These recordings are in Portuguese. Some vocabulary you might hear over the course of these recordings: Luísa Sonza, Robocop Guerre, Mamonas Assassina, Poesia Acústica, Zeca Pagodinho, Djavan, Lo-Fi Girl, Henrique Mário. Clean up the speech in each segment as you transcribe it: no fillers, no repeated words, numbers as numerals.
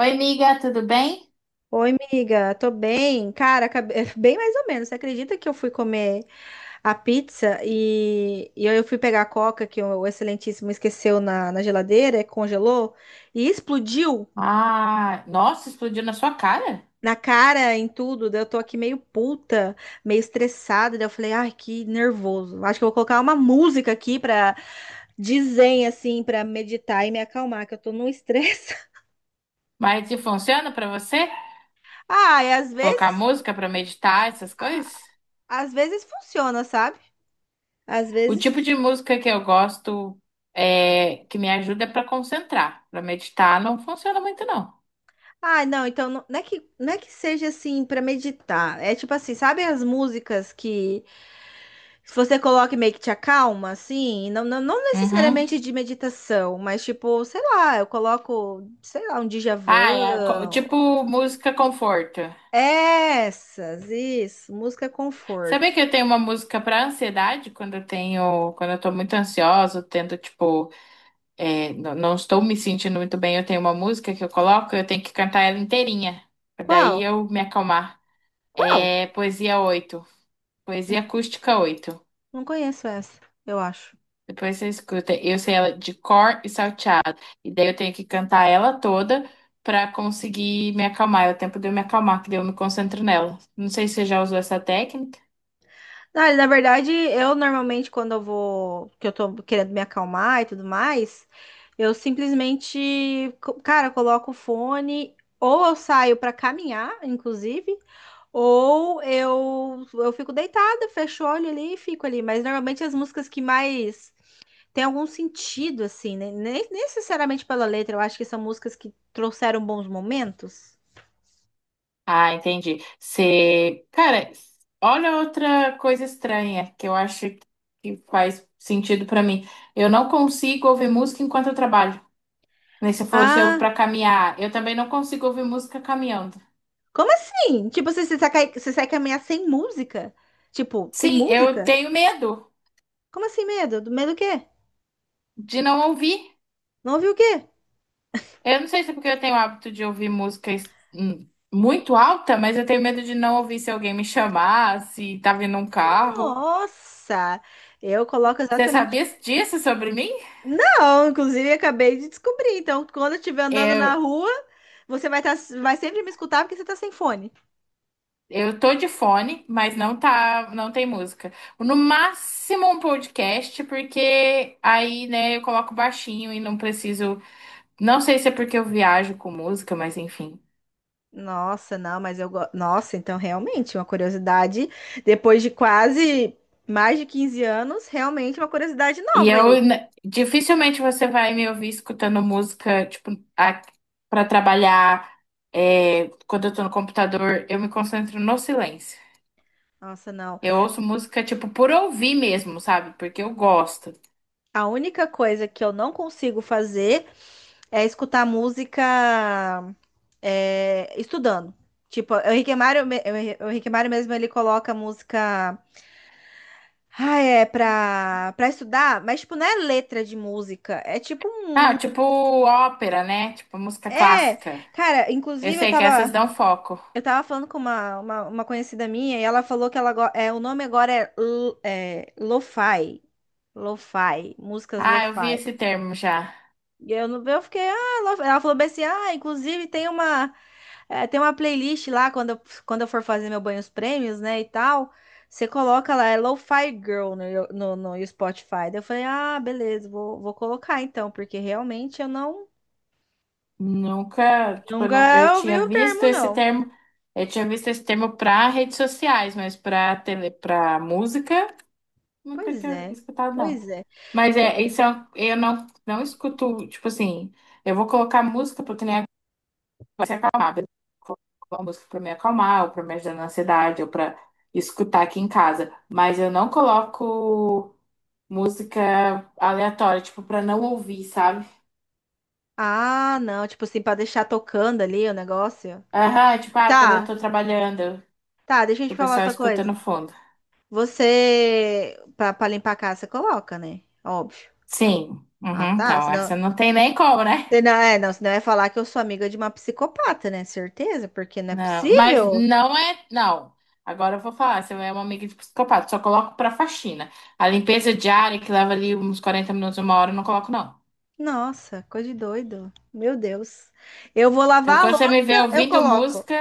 Oi, amiga, tudo bem? Oi, amiga, tô bem. Cara, bem mais ou menos. Você acredita que eu fui comer a pizza e eu fui pegar a coca que o Excelentíssimo esqueceu na geladeira, congelou e explodiu Ah, nossa, explodiu na sua cara. na cara, em tudo. Daí eu tô aqui meio puta, meio estressada. Daí eu falei, ai, que nervoso. Acho que eu vou colocar uma música aqui pra dizer, assim, pra meditar e me acalmar, que eu tô num estresse. Mas e funciona pra você? Ah, e Colocar música pra meditar, essas coisas? às vezes funciona, sabe? Às O tipo vezes de música que eu gosto é que me ajuda é para concentrar. Pra meditar não funciona muito não. ah, não, então não é que seja assim pra meditar. É tipo assim, sabe as músicas que se você coloca e meio que te acalma, assim? Não, não, não Uhum. necessariamente de meditação, mas tipo, sei lá, eu coloco, sei lá, um Ah, é Djavan. tipo música conforto. Essas, isso, música Sabia conforto. que eu tenho uma música pra ansiedade quando eu tenho, quando eu tô muito ansiosa, eu tento tipo. Não estou me sentindo muito bem. Eu tenho uma música que eu coloco, eu tenho que cantar ela inteirinha, pra daí Qual? eu me acalmar. Qual? É Poesia 8, Poesia Acústica 8. Não conheço essa, eu acho. Depois você escuta, eu sei ela de cor e salteado. E daí eu tenho que cantar ela toda pra conseguir me acalmar. É o tempo de eu me acalmar, que daí eu me concentro nela. Não sei se você já usou essa técnica. Ah, na verdade, eu normalmente quando eu vou, que eu tô querendo me acalmar e tudo mais, eu simplesmente, cara, coloco o fone, ou eu saio pra caminhar, inclusive, ou eu fico deitada, fecho o olho ali e fico ali, mas normalmente as músicas que mais têm algum sentido assim, né? Nem necessariamente pela letra, eu acho que são músicas que trouxeram bons momentos. Ah, entendi. Você, cara, olha outra coisa estranha que eu acho que faz sentido pra mim. Eu não consigo ouvir música enquanto eu trabalho. Nem você falou se ouve Ah, para caminhar. Eu também não consigo ouvir música caminhando. como assim? Tipo, você sai, você sai caminhar sem música? Tipo, sem Sim, eu música? tenho medo Como assim medo? Do medo do quê? de não ouvir. Não ouviu o quê? Eu não sei se é porque eu tenho o hábito de ouvir música muito alta, mas eu tenho medo de não ouvir se alguém me chamar, se tá vindo um carro. Nossa! Eu coloco Você exatamente. sabia disso sobre mim? Não, inclusive acabei de descobrir. Então, quando eu estiver andando na rua, você vai, tá, vai sempre me escutar porque você tá sem fone. Eu tô de fone, mas não tá, não tem música. No máximo um podcast, porque aí, né, eu coloco baixinho e não preciso. Não sei se é porque eu viajo com música, mas enfim. Nossa, não, mas eu gosto. Nossa, então realmente, uma curiosidade. Depois de quase mais de 15 anos, realmente uma curiosidade E nova aí. Dificilmente você vai me ouvir escutando música, tipo, a, para trabalhar. É, quando eu tô no computador, eu me concentro no silêncio. Nossa, não. Eu ouço música, tipo, por ouvir mesmo, sabe? Porque eu gosto. A única coisa que eu não consigo fazer é escutar música é, estudando. Tipo, o Henrique Mário mesmo, ele coloca música. Ah, é pra estudar, mas tipo, não é letra de música. É tipo um. Ah, tipo ópera, né? Tipo música É. clássica. Cara, Eu inclusive eu sei que essas tava. dão foco. Eu tava falando com uma conhecida minha e ela falou que ela é, o nome agora é, é lo-fi. Lo-fi, músicas Ah, eu vi lo-fi. esse termo já. E eu, eu fiquei, ah, lo-fi. Ela falou bem assim, ah, inclusive tem uma. É, tem uma playlist lá quando eu for fazer meu banho os prêmios, né, e tal. Você coloca lá, é Lo-Fi Girl no Spotify. Daí eu falei, ah, beleza, vou colocar então, porque realmente eu não Nunca, tipo, eu, não- eu nunca ouvi tinha o visto termo, esse não. termo, para redes sociais, mas para música, nunca Pois tinha é, escutado, não. pois é. Mas é, isso é, eu não, não escuto, tipo assim, eu vou colocar música porque nem vai se acalmar, beleza? Vou colocar uma música para me acalmar, ou para me ajudar na ansiedade, ou para escutar aqui em casa. Mas eu não coloco música aleatória, tipo, para não ouvir, sabe? Ah, não, tipo assim, pra deixar tocando ali o negócio. Aham, tipo, ah, quando eu Tá, tô trabalhando, tá, deixa eu que te o falar pessoal outra escuta coisa. no fundo. Você, pra limpar a casa, você coloca, né? Óbvio. Sim. Ah, Uhum, tá, então, senão, essa não tem nem como, né? você não, é, não, senão eu ia falar que eu sou amiga de uma psicopata, né? Certeza, porque não é Não, mas possível. não é. Não. Agora eu vou falar, você é uma amiga de psicopata, só coloco pra faxina. A limpeza diária, que leva ali uns 40 minutos, uma hora, eu não coloco, não. Nossa, coisa de doido. Meu Deus. Eu vou Então, lavar a quando você me vê louça, eu ouvindo coloco. música,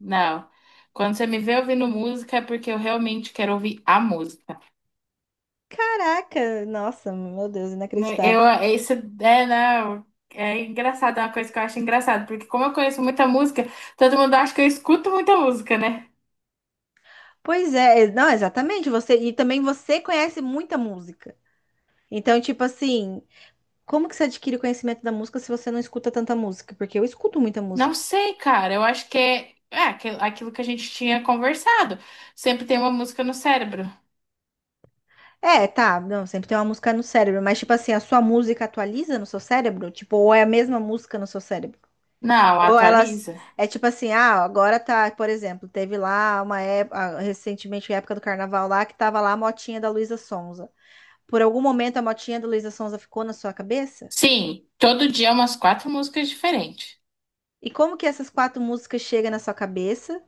não. Quando você me vê ouvindo música, é porque eu realmente quero ouvir a música. Caraca, nossa, meu Deus, Né, eu, inacreditável. é isso é, não, é engraçado, é uma coisa que eu acho engraçado, porque como eu conheço muita música, todo mundo acha que eu escuto muita música, né? Pois é, não, exatamente, você e também você conhece muita música. Então, tipo assim, como que você adquire conhecimento da música se você não escuta tanta música? Porque eu escuto muita Não música. sei, cara, eu acho que é aquilo que a gente tinha conversado. Sempre tem uma música no cérebro. É, tá, não, sempre tem uma música no cérebro, mas tipo assim, a sua música atualiza no seu cérebro? Tipo, ou é a mesma música no seu cérebro? Não, Ou elas. atualiza. É tipo assim, ah, agora tá, por exemplo, teve lá uma época, recentemente, época do carnaval lá, que tava lá a motinha da Luísa Sonza. Por algum momento a motinha da Luísa Sonza ficou na sua cabeça? Sim, todo dia umas quatro músicas diferentes. E como que essas quatro músicas chegam na sua cabeça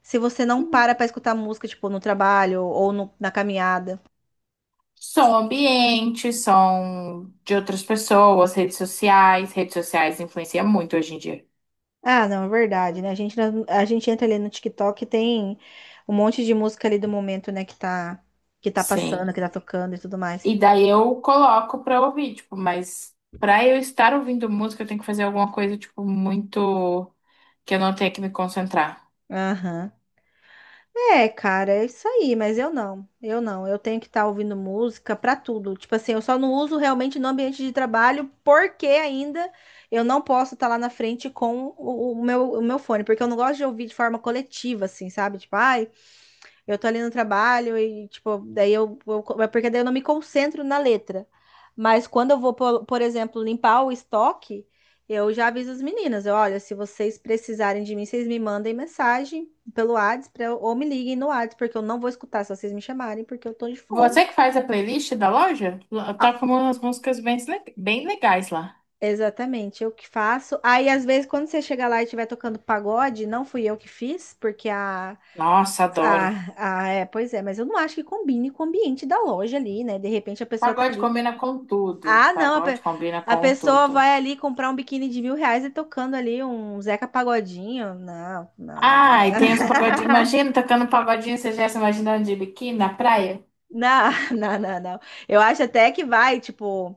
se você não Hum. para pra escutar música, tipo, no trabalho ou na caminhada? Som ambiente, som de outras pessoas, redes sociais. Redes sociais influenciam muito hoje em dia. Ah, não, é verdade, né? A gente entra ali no TikTok e tem um monte de música ali do momento, né, que tá passando, Sim. que tá tocando e tudo mais. E daí eu coloco pra ouvir, tipo, mas pra eu estar ouvindo música, eu tenho que fazer alguma coisa, tipo, muito que eu não tenha que me concentrar. Aham. É, cara, é isso aí, mas eu não. Eu não. Eu tenho que estar ouvindo música pra tudo. Tipo assim, eu só não uso realmente no ambiente de trabalho, porque ainda eu não posso estar lá na frente com o meu fone, porque eu não gosto de ouvir de forma coletiva, assim, sabe? Tipo, ai, eu tô ali no trabalho e, tipo, daí porque daí eu não me concentro na letra. Mas quando eu vou, por exemplo, limpar o estoque, eu já aviso as meninas, eu, olha, se vocês precisarem de mim, vocês me mandem mensagem pelo WhatsApp pra ou me liguem no WhatsApp, porque eu não vou escutar se vocês me chamarem, porque eu tô de fone. Você que faz a playlist da loja, Ah, toca umas músicas bem legais lá. exatamente, eu que faço. Aí, às vezes, quando você chega lá e estiver tocando pagode, não fui eu que fiz, porque Nossa, adoro. A, é, pois é, mas eu não acho que combine com o ambiente da loja ali, né? De repente a pessoa tá Pagode combina com tudo. ah, não, Pagode combina a com pessoa vai tudo. ali comprar um biquíni de 1.000 reais e tocando ali um Zeca Pagodinho. Não, não, não, Ah, não. e tem os pagodinhos. Imagina tocando um pagodinho, você já se imaginando de biquíni na praia? Não, não, não, não. Eu acho até que vai, tipo,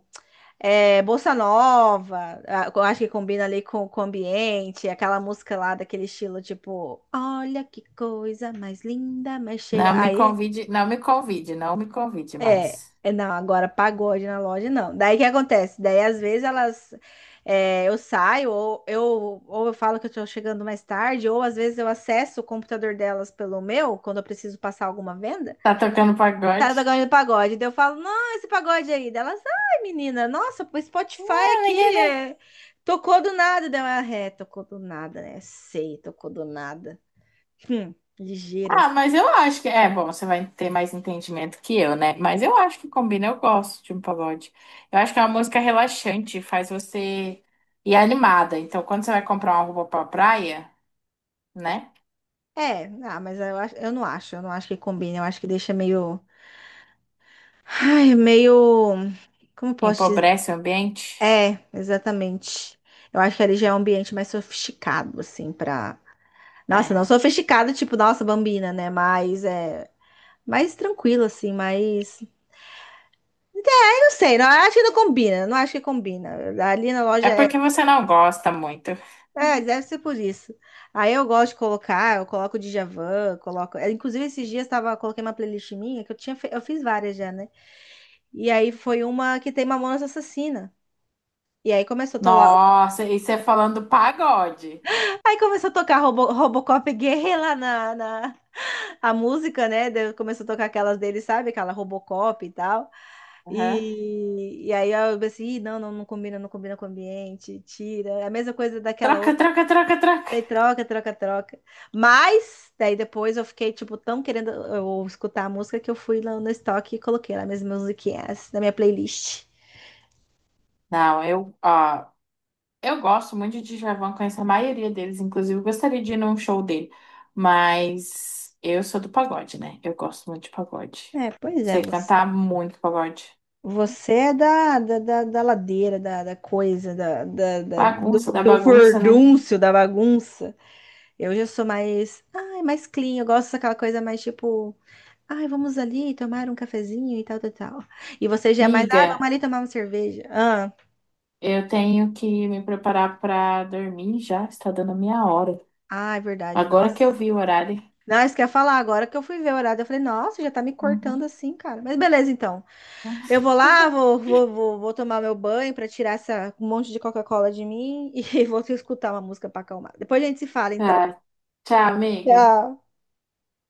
é, Bossa Nova, eu acho que combina ali com o ambiente, aquela música lá daquele estilo, tipo, olha que coisa mais linda, mais cheia. Não me Aí convide, não me convide, não me convide é, mais. é, não, agora pagode na loja não. Daí o que acontece? Daí às vezes elas, é, eu saio, ou ou eu falo que eu tô chegando mais tarde, ou às vezes eu acesso o computador delas pelo meu, quando eu preciso passar alguma venda. Tá tocando Tá pagode? tocando pagode, daí eu falo, não, esse pagode aí. Daí elas, ai menina, nossa, o Spotify Ah, ninguém, aqui né? é, tocou do nada. Daí eu, "Ah, é, tocou do nada, né? Sei, tocou do nada. Hum, ligeiras. Ah, mas eu acho que. É, bom, você vai ter mais entendimento que eu, né? Mas eu acho que combina, eu gosto de um pagode. Eu acho que é uma música relaxante, faz você ir animada. Então, quando você vai comprar uma roupa pra praia, né? É, ah, mas eu, eu não acho que combina, eu acho que deixa meio. Ai, meio. Como posso dizer? Empobrece o ambiente. É, exatamente. Eu acho que ali já é um ambiente mais sofisticado, assim, pra. Nossa, não É. sofisticado, tipo, nossa, Bambina, né? Mas é. Mais tranquilo, assim, mais. Eu não sei, não eu acho que não combina, não acho que combina. Ali na É loja é. porque você não gosta muito. É, deve ser por isso. Aí eu gosto de colocar, eu coloco o Djavan, coloco. É, inclusive, esses dias tava, coloquei uma playlist minha, que eu tinha, eu fiz várias já, né? E aí foi uma que tem Mamonas Assassina. E aí começou a Nossa, e você falando pagode. aí começou a tocar Robocop Guerre lá na a música, né? Daí começou a tocar aquelas dele, sabe? Aquela Robocop e tal. Aham. E aí eu pensei, "Ih, não, não, não combina, não combina com o ambiente, tira. É a mesma coisa daquela Troca, outra. troca, troca, troca. Daí troca. Mas, daí depois eu fiquei, tipo, tão querendo eu, escutar a música que eu fui lá no estoque e coloquei lá minhas musiquinhas na minha playlist. Não, eu. Ó, eu gosto muito de Djavan, conheço a maioria deles, inclusive eu gostaria de ir num show dele, mas eu sou do pagode, né? Eu gosto muito de pagode. É, pois é, Sei cantar muito pagode. você é da ladeira, da coisa, do, Bagunça da do bagunça, né? furdúncio, da bagunça. Eu já sou mais, ai, mais clean, eu gosto daquela coisa mais tipo, ai, vamos ali tomar um cafezinho e tal, tal, tal. E você já é mais, ah, vamos Miga, ali tomar uma cerveja. Ah, eu tenho que me preparar pra dormir já, está dando a minha hora. ah, é verdade, Agora que eu nossa. vi o horário. Não, isso que eu ia falar agora que eu fui ver o horário, eu falei, nossa, já tá me cortando Uhum. assim, cara. Mas beleza, então. Eu vou lá, vou tomar meu banho para tirar essa um monte de Coca-Cola de mim e vou escutar uma música para acalmar. Depois a gente se fala, então. Tá, tchau, amiga. Tchau.